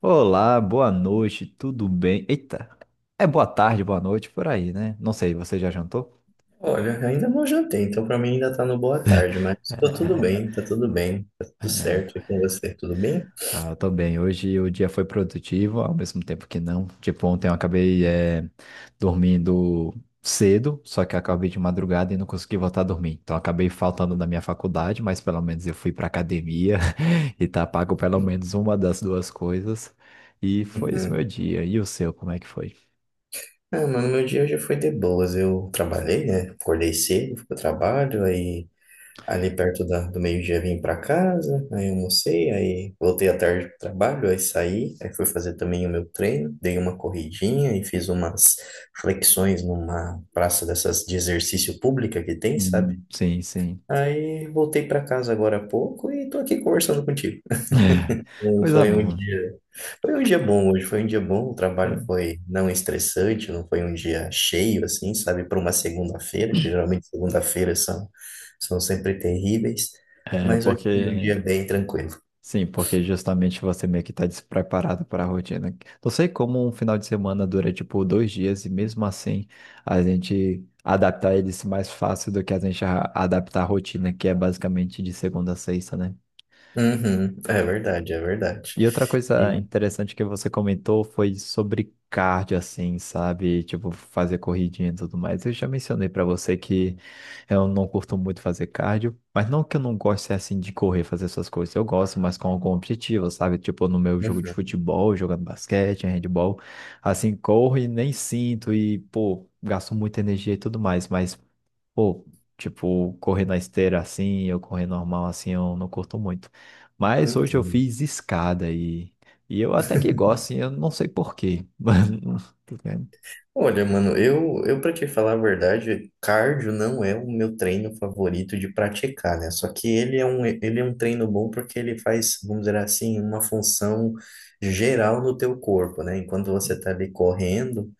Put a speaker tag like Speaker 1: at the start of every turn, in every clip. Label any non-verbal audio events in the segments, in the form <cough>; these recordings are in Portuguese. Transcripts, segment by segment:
Speaker 1: Olá, boa noite, tudo bem? Eita, é boa tarde, boa noite, por aí, né? Não sei, você já jantou?
Speaker 2: Olha, ainda não jantei, então pra mim ainda tá no boa tarde, mas tô tudo bem,
Speaker 1: <laughs>
Speaker 2: tá tudo bem, tá
Speaker 1: É,
Speaker 2: tudo certo e
Speaker 1: é,
Speaker 2: com você, tudo bem?
Speaker 1: eu tô bem. Hoje o dia foi produtivo, ao mesmo tempo que não. Tipo, ontem eu acabei dormindo cedo, só que acabei de madrugada e não consegui voltar a dormir. Então acabei faltando da minha faculdade, mas pelo menos eu fui pra academia <laughs> e tá pago pelo menos uma das duas coisas. E foi esse
Speaker 2: Uhum.
Speaker 1: meu dia. E o seu, como é que foi?
Speaker 2: Ah, mano, meu dia já foi de boas, eu trabalhei, né, acordei cedo, fui pro trabalho, aí ali perto do meio-dia vim pra casa, aí almocei, aí voltei à tarde pro trabalho, aí saí, aí fui fazer também o meu treino, dei uma corridinha e fiz umas flexões numa praça dessas de exercício pública que tem, sabe?
Speaker 1: Sim, sim.
Speaker 2: Aí voltei para casa agora há pouco e tô aqui conversando contigo.
Speaker 1: É,
Speaker 2: Não,
Speaker 1: coisa boa.
Speaker 2: Foi um dia bom hoje, foi um dia bom, o trabalho
Speaker 1: Foi-
Speaker 2: foi não estressante, não foi um dia cheio assim, sabe, para uma segunda-feira, que geralmente segunda-feiras são sempre terríveis,
Speaker 1: É
Speaker 2: mas hoje foi um
Speaker 1: porque,
Speaker 2: dia bem tranquilo.
Speaker 1: sim, porque justamente você meio que tá despreparado para a rotina. Não sei como um final de semana dura tipo dois dias e mesmo assim a gente adaptar eles mais fácil do que adaptar a rotina, que é basicamente de segunda a sexta, né?
Speaker 2: Uhum, é verdade, é verdade.
Speaker 1: E outra coisa
Speaker 2: E,
Speaker 1: interessante que você comentou foi sobre cardio, assim, sabe? Tipo, fazer corridinha e tudo mais. Eu já mencionei pra você que eu não curto muito fazer cardio, mas não que eu não goste, assim, de correr, fazer essas coisas. Eu gosto, mas com algum objetivo, sabe? Tipo, no meu jogo de
Speaker 2: uhum,
Speaker 1: futebol, jogando basquete, handball, assim, corro e nem sinto e, pô, gasto muita energia e tudo mais. Pô, tipo, correr na esteira assim, eu correr normal assim, eu não curto muito. Mas hoje eu
Speaker 2: entendo.
Speaker 1: fiz escada e eu até que gosto, assim, eu não sei por quê. <laughs> Mas,
Speaker 2: Olha, mano, eu para te falar a verdade, cardio não é o meu treino favorito de praticar, né? Só que ele é um treino bom porque ele faz, vamos dizer assim, uma função geral no teu corpo, né? Enquanto você tá ali correndo,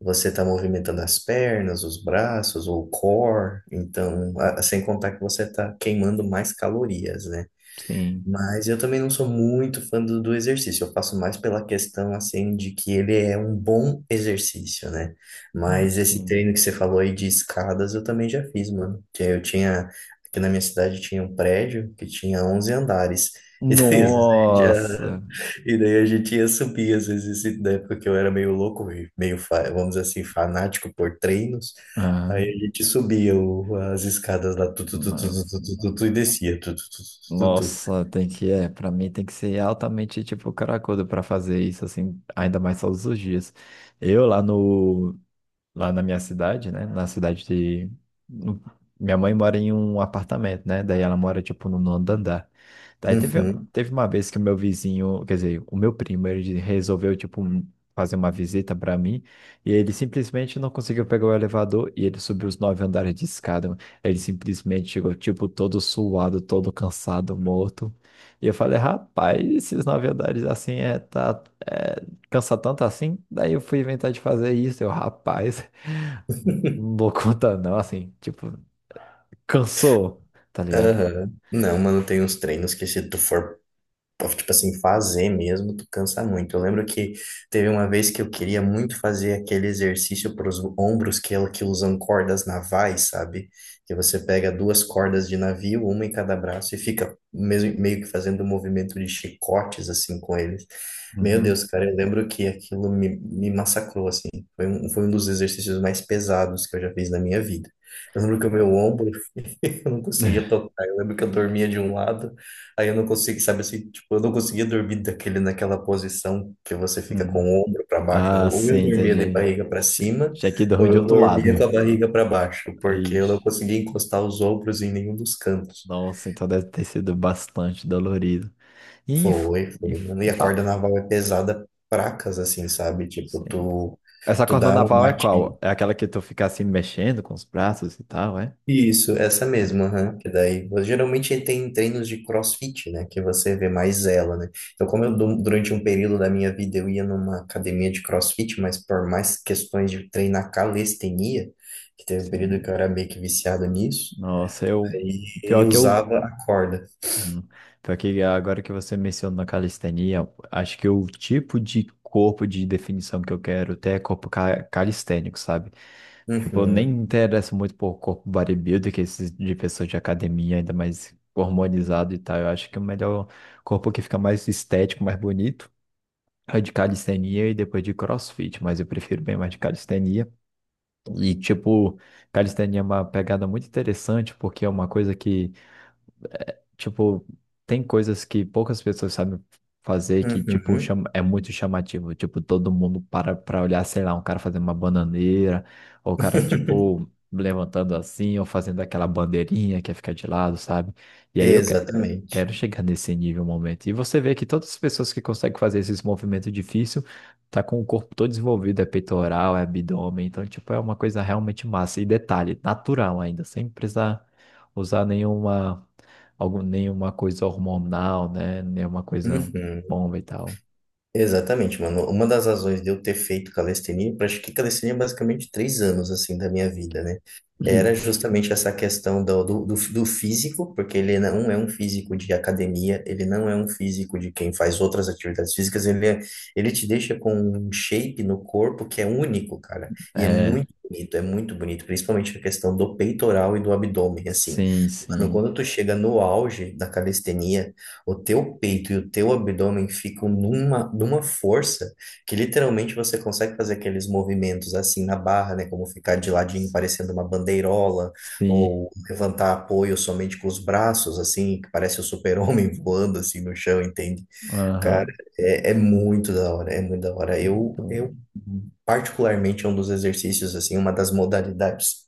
Speaker 2: você tá movimentando as pernas, os braços, o core, então, sem contar que você tá queimando mais calorias, né?
Speaker 1: sim,
Speaker 2: Mas eu também não sou muito fã do exercício. Eu faço mais pela questão, assim, de que ele é um bom exercício, né?
Speaker 1: ah,
Speaker 2: Mas esse
Speaker 1: sim.
Speaker 2: treino que você falou aí de escadas, eu também já fiz, mano. Aqui na minha cidade tinha um prédio que tinha 11 andares. <laughs> E daí, às vezes,
Speaker 1: Nossa!
Speaker 2: e daí a gente ia subir, às vezes, e na época que eu era meio louco, e meio, vamos dizer assim, fanático por treinos.
Speaker 1: Ah,
Speaker 2: Aí a gente subia as escadas lá, tu, tu, tu, tu, tu, tu, tu,
Speaker 1: nossa,
Speaker 2: tu, tu, e descia, tu, tu, tu, tu, tu, tu.
Speaker 1: nossa, tem que, é, pra mim tem que ser altamente, tipo, caracudo pra fazer isso, assim, ainda mais todos os dias. Eu lá no, lá na minha cidade, né? Na cidade de. No- Minha mãe mora em um apartamento, né? Daí ela mora, tipo, no nono andar. Daí teve,
Speaker 2: Uhum.
Speaker 1: teve uma vez que o meu vizinho, quer dizer, o meu primo, ele resolveu, fazer uma visita para mim e ele simplesmente não conseguiu pegar o elevador e ele subiu os nove andares de escada, mano. Ele simplesmente chegou, tipo, todo suado, todo cansado, morto. E eu falei, rapaz, esses nove andares assim cansa tanto assim. Daí eu fui inventar de fazer isso. Eu, rapaz, <laughs> não dou conta não, assim, tipo, cansou, tá ligado?
Speaker 2: Aham. Não, mano, tem uns treinos que se tu for, tipo assim, fazer mesmo, tu cansa muito. Eu lembro que teve uma vez que eu queria muito fazer aquele exercício para os ombros que, que usam cordas navais, sabe? Que você pega duas cordas de navio, uma em cada braço, e fica mesmo, meio que fazendo um movimento de chicotes, assim, com eles. Meu
Speaker 1: Uhum,
Speaker 2: Deus, cara, eu lembro que aquilo me massacrou, assim. Foi um dos exercícios mais pesados que eu já fiz na minha vida. Eu lembro que o meu ombro eu não conseguia
Speaker 1: <laughs>
Speaker 2: tocar. Eu lembro que eu dormia de um lado, aí eu não conseguia, sabe assim, tipo, eu não conseguia dormir daquele, naquela posição que você fica com
Speaker 1: uhum.
Speaker 2: o ombro para baixo, né?
Speaker 1: Ah,
Speaker 2: Ou eu
Speaker 1: sim,
Speaker 2: dormia de
Speaker 1: entendi.
Speaker 2: barriga para cima,
Speaker 1: Tinha que
Speaker 2: ou
Speaker 1: dormir de
Speaker 2: eu
Speaker 1: outro lado.
Speaker 2: dormia com a barriga para baixo, porque eu não
Speaker 1: Ixi,
Speaker 2: conseguia encostar os ombros em nenhum dos cantos.
Speaker 1: nossa, então deve ter sido bastante dolorido. E, inf-
Speaker 2: Foi, foi,
Speaker 1: inf-
Speaker 2: mano. E a corda
Speaker 1: infa-
Speaker 2: naval é pesada, pra casa assim, sabe? Tipo,
Speaker 1: sim.
Speaker 2: tu,
Speaker 1: Essa
Speaker 2: tu
Speaker 1: corda
Speaker 2: dá uma
Speaker 1: naval é
Speaker 2: batida.
Speaker 1: qual? É aquela que tu fica assim mexendo com os braços e tal, é?
Speaker 2: Isso, essa
Speaker 1: Ah,
Speaker 2: mesma, aham. Que daí, geralmente tem treinos de CrossFit, né? Que você vê mais ela, né? Então, como eu, durante um período da minha vida eu ia numa academia de CrossFit, mas por mais questões de treinar calistenia, que teve um período
Speaker 1: sim.
Speaker 2: que eu era meio que viciado nisso,
Speaker 1: Nossa, eu.
Speaker 2: aí
Speaker 1: Pior
Speaker 2: eu
Speaker 1: que eu
Speaker 2: usava a corda.
Speaker 1: Uhum. Então, aqui, agora que você mencionou a calistenia, acho que o tipo de corpo de definição que eu quero ter é calistênico, sabe? Tipo, eu nem me
Speaker 2: Uhum,
Speaker 1: interesso muito por corpo bodybuilder, que é esses de pessoas de academia, ainda mais hormonizado e tal. Eu acho que o melhor corpo que fica mais estético, mais bonito, é de calistenia e depois de CrossFit, mas eu prefiro bem mais de calistenia. E, tipo, calistenia é uma pegada muito interessante, porque é uma coisa que tipo, tem coisas que poucas pessoas sabem fazer que, tipo,
Speaker 2: uhum.
Speaker 1: chama, é muito chamativo. Tipo, todo mundo para pra olhar, sei lá, um cara fazendo uma bananeira, ou o cara, tipo,
Speaker 2: <laughs>
Speaker 1: levantando assim, ou fazendo aquela bandeirinha que fica de lado, sabe? E aí eu que-
Speaker 2: Exatamente.
Speaker 1: quero chegar nesse nível, momento. E você vê que todas as pessoas que conseguem fazer esses movimentos difíceis tá com o corpo todo desenvolvido, é peitoral, é abdômen, então, tipo, é uma coisa realmente massa. E detalhe, natural ainda, sem precisar usar nenhuma nenhuma coisa hormonal, né? Nenhuma coisa
Speaker 2: Uhum.
Speaker 1: bomba e tal.
Speaker 2: Exatamente, mano. Uma das razões de eu ter feito calistenia, eu pratiquei calistenia basicamente 3 anos, assim, da minha vida, né? Era
Speaker 1: <clears throat>
Speaker 2: justamente essa questão do físico, porque ele não é um físico de academia, ele não é um físico de quem faz outras atividades físicas, ele te deixa com um shape no corpo que é único, cara.
Speaker 1: Uhum.
Speaker 2: E
Speaker 1: É,
Speaker 2: é muito bonito, principalmente a questão do peitoral e do abdômen, assim.
Speaker 1: sim,
Speaker 2: Mano,
Speaker 1: sim.
Speaker 2: quando tu chega no auge da calistenia, o teu peito e o teu abdômen ficam numa força que literalmente você consegue fazer aqueles movimentos assim na barra, né? Como ficar de ladinho parecendo uma bandeirola,
Speaker 1: Sim.
Speaker 2: ou levantar apoio somente com os braços, assim, que parece o super-homem <laughs> voando assim no chão, entende? Cara,
Speaker 1: Aham.
Speaker 2: é muito da hora, é muito da hora. Eu,
Speaker 1: Não,
Speaker 2: particularmente, é um dos exercícios, assim, uma das modalidades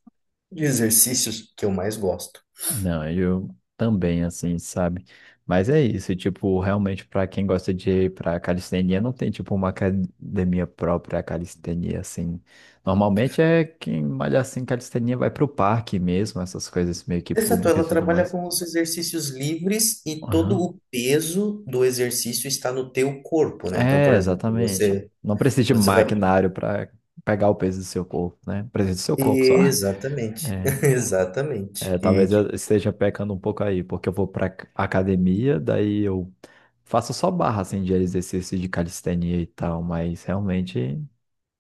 Speaker 2: de exercícios que eu mais gosto.
Speaker 1: Não, eu também, assim, sabe? Mas é isso, tipo, realmente, para quem gosta de ir pra calistenia, não tem, tipo, uma academia própria a calistenia, assim. Normalmente é quem malha assim calistenia vai pro parque mesmo, essas coisas meio que
Speaker 2: Exato,
Speaker 1: públicas
Speaker 2: ela
Speaker 1: e tudo
Speaker 2: trabalha
Speaker 1: mais.
Speaker 2: com os exercícios livres e todo
Speaker 1: Aham.
Speaker 2: o peso do exercício está no teu corpo, né? Então,
Speaker 1: É,
Speaker 2: por exemplo,
Speaker 1: exatamente.
Speaker 2: você,
Speaker 1: Não precisa de
Speaker 2: você vai.
Speaker 1: maquinário para pegar o peso do seu corpo, né? Precisa do seu corpo só. <laughs>
Speaker 2: Exatamente,
Speaker 1: É,
Speaker 2: <laughs> exatamente. E,
Speaker 1: talvez eu
Speaker 2: tipo,
Speaker 1: esteja pecando um pouco aí, porque eu vou para academia, daí eu faço só barra assim de exercício de calistenia e tal, mas realmente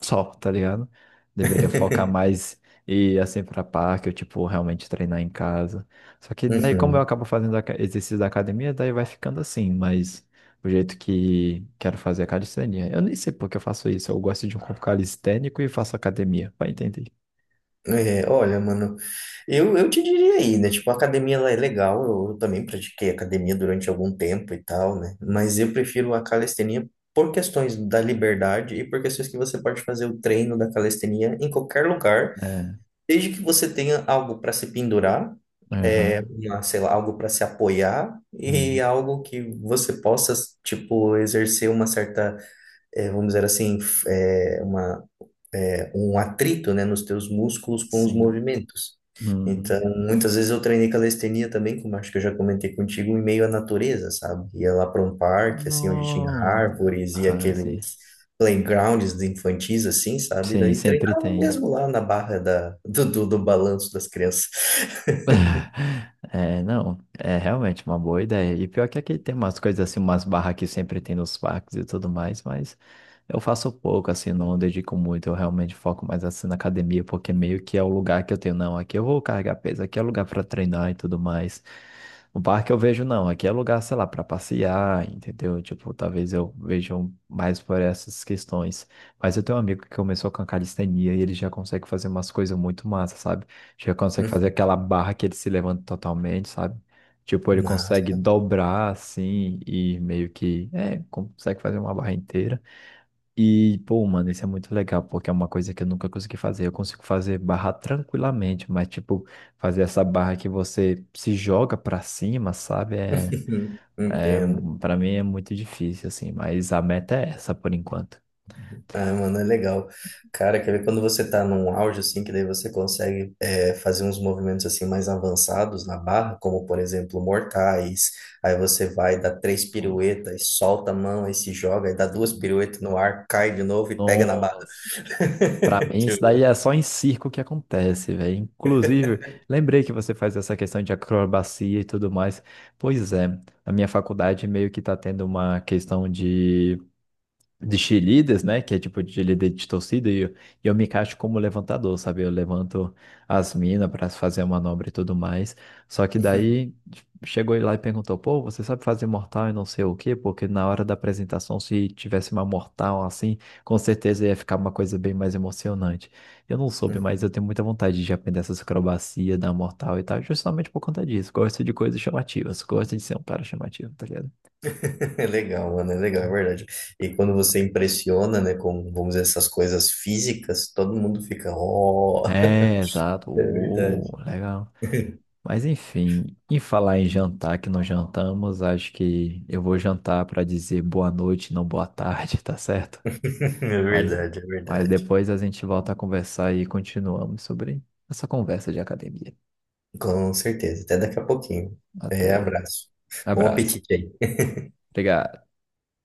Speaker 1: só, tá ligado? Deveria focar
Speaker 2: <laughs>
Speaker 1: mais e ir assim pra parque, ou tipo, realmente treinar em casa. Só que daí, como eu
Speaker 2: Uhum.
Speaker 1: acabo fazendo exercício da academia, daí vai ficando assim, mas o jeito que quero fazer é a calistenia. Eu nem sei por que eu faço isso. Eu gosto de um corpo calistênico e faço academia. Vai entender.
Speaker 2: É, olha, mano, eu te diria aí, né? Tipo, a academia ela é legal, eu também pratiquei academia durante algum tempo e tal, né? Mas eu prefiro a calistenia por questões da liberdade e por questões que você pode fazer o treino da calistenia em qualquer lugar.
Speaker 1: É.
Speaker 2: Desde que você tenha algo para se pendurar,
Speaker 1: Aham.
Speaker 2: uma, sei lá, algo para se apoiar e
Speaker 1: Uhum.
Speaker 2: algo que você possa, tipo, exercer uma certa, vamos dizer assim, uma um atrito, né, nos teus músculos com os
Speaker 1: Sim.
Speaker 2: movimentos.
Speaker 1: Uhum.
Speaker 2: Então, muitas vezes eu treinei calistenia também, como acho que eu já comentei contigo, em meio à natureza, sabe? Ia lá para um parque, assim, onde tinha
Speaker 1: Nossa.
Speaker 2: árvores e
Speaker 1: Ah,
Speaker 2: aqueles
Speaker 1: sim.
Speaker 2: playgrounds infantis, assim, sabe?
Speaker 1: Sim,
Speaker 2: Daí
Speaker 1: sempre
Speaker 2: treinava
Speaker 1: tem.
Speaker 2: mesmo lá na barra do balanço das crianças. <laughs>
Speaker 1: É, não, é realmente uma boa ideia. E pior que aqui tem umas coisas assim, umas barras que sempre tem nos parques e tudo mais, mas eu faço pouco, assim, não dedico muito. Eu realmente foco mais assim na academia, porque meio que é o lugar que eu tenho, não, aqui eu vou carregar peso, aqui é lugar para treinar e tudo mais. No parque eu vejo, não, aqui é lugar, sei lá, para passear, entendeu? Tipo, talvez eu veja um, mais por essas questões. Mas eu tenho um amigo que começou com a calistenia e ele já consegue fazer umas coisas muito massas, sabe? Já consegue fazer
Speaker 2: Uhum.
Speaker 1: aquela barra que ele se levanta totalmente, sabe? Tipo, ele consegue
Speaker 2: Massa.
Speaker 1: dobrar assim e meio que, é, consegue fazer uma barra inteira. E, pô, mano, isso é muito legal, porque é uma coisa que eu nunca consegui fazer. Eu consigo fazer barra tranquilamente, mas, tipo, fazer essa barra que você se joga pra cima, sabe?
Speaker 2: <laughs>
Speaker 1: É,
Speaker 2: Entendo.
Speaker 1: para mim é muito difícil, assim, mas a meta é essa por enquanto.
Speaker 2: Ah, mano, é legal. Cara, quer ver quando você tá num auge, assim, que daí você consegue fazer uns movimentos, assim, mais avançados na barra, como, por exemplo, mortais. Aí você vai, dá três piruetas, solta a mão, aí se joga, aí dá duas piruetas no ar, cai de novo e pega na barra.
Speaker 1: Nossa. Pra
Speaker 2: <laughs>
Speaker 1: mim, isso
Speaker 2: Tipo,
Speaker 1: daí é só em circo que acontece, velho. Inclusive, lembrei que você faz essa questão de acrobacia e tudo mais. Pois é, na minha faculdade meio que tá tendo uma questão de cheerleaders, né? Que é tipo de líder de torcida, e eu me encaixo como levantador, sabe? Eu levanto as minas para fazer a manobra e tudo mais. Só que
Speaker 2: Uhum.
Speaker 1: daí tipo, chegou ele lá e perguntou: pô, você sabe fazer mortal e não sei o quê? Porque na hora da apresentação, se tivesse uma mortal assim, com certeza ia ficar uma coisa bem mais emocionante. Eu não soube, mas eu tenho
Speaker 2: <laughs>
Speaker 1: muita vontade de aprender essas acrobacias da mortal e tal, justamente por conta disso. Gosto de coisas chamativas, gosto de ser um cara chamativo, tá ligado?
Speaker 2: É legal, mano, é legal, é verdade. E quando você impressiona, né, com, vamos dizer, essas coisas físicas, todo mundo fica, oh,
Speaker 1: É, exato.
Speaker 2: <laughs> é
Speaker 1: Oh,
Speaker 2: verdade.
Speaker 1: legal.
Speaker 2: <laughs>
Speaker 1: Mas enfim, em falar em jantar que não jantamos, acho que eu vou jantar para dizer boa noite, não boa tarde, <laughs> tá certo?
Speaker 2: É
Speaker 1: Mas,
Speaker 2: verdade, é
Speaker 1: mas
Speaker 2: verdade.
Speaker 1: depois a gente volta a conversar e continuamos sobre essa conversa de academia.
Speaker 2: Com certeza. Até daqui a pouquinho. É,
Speaker 1: Até.
Speaker 2: abraço. Bom
Speaker 1: Abraço.
Speaker 2: apetite aí.
Speaker 1: Obrigado.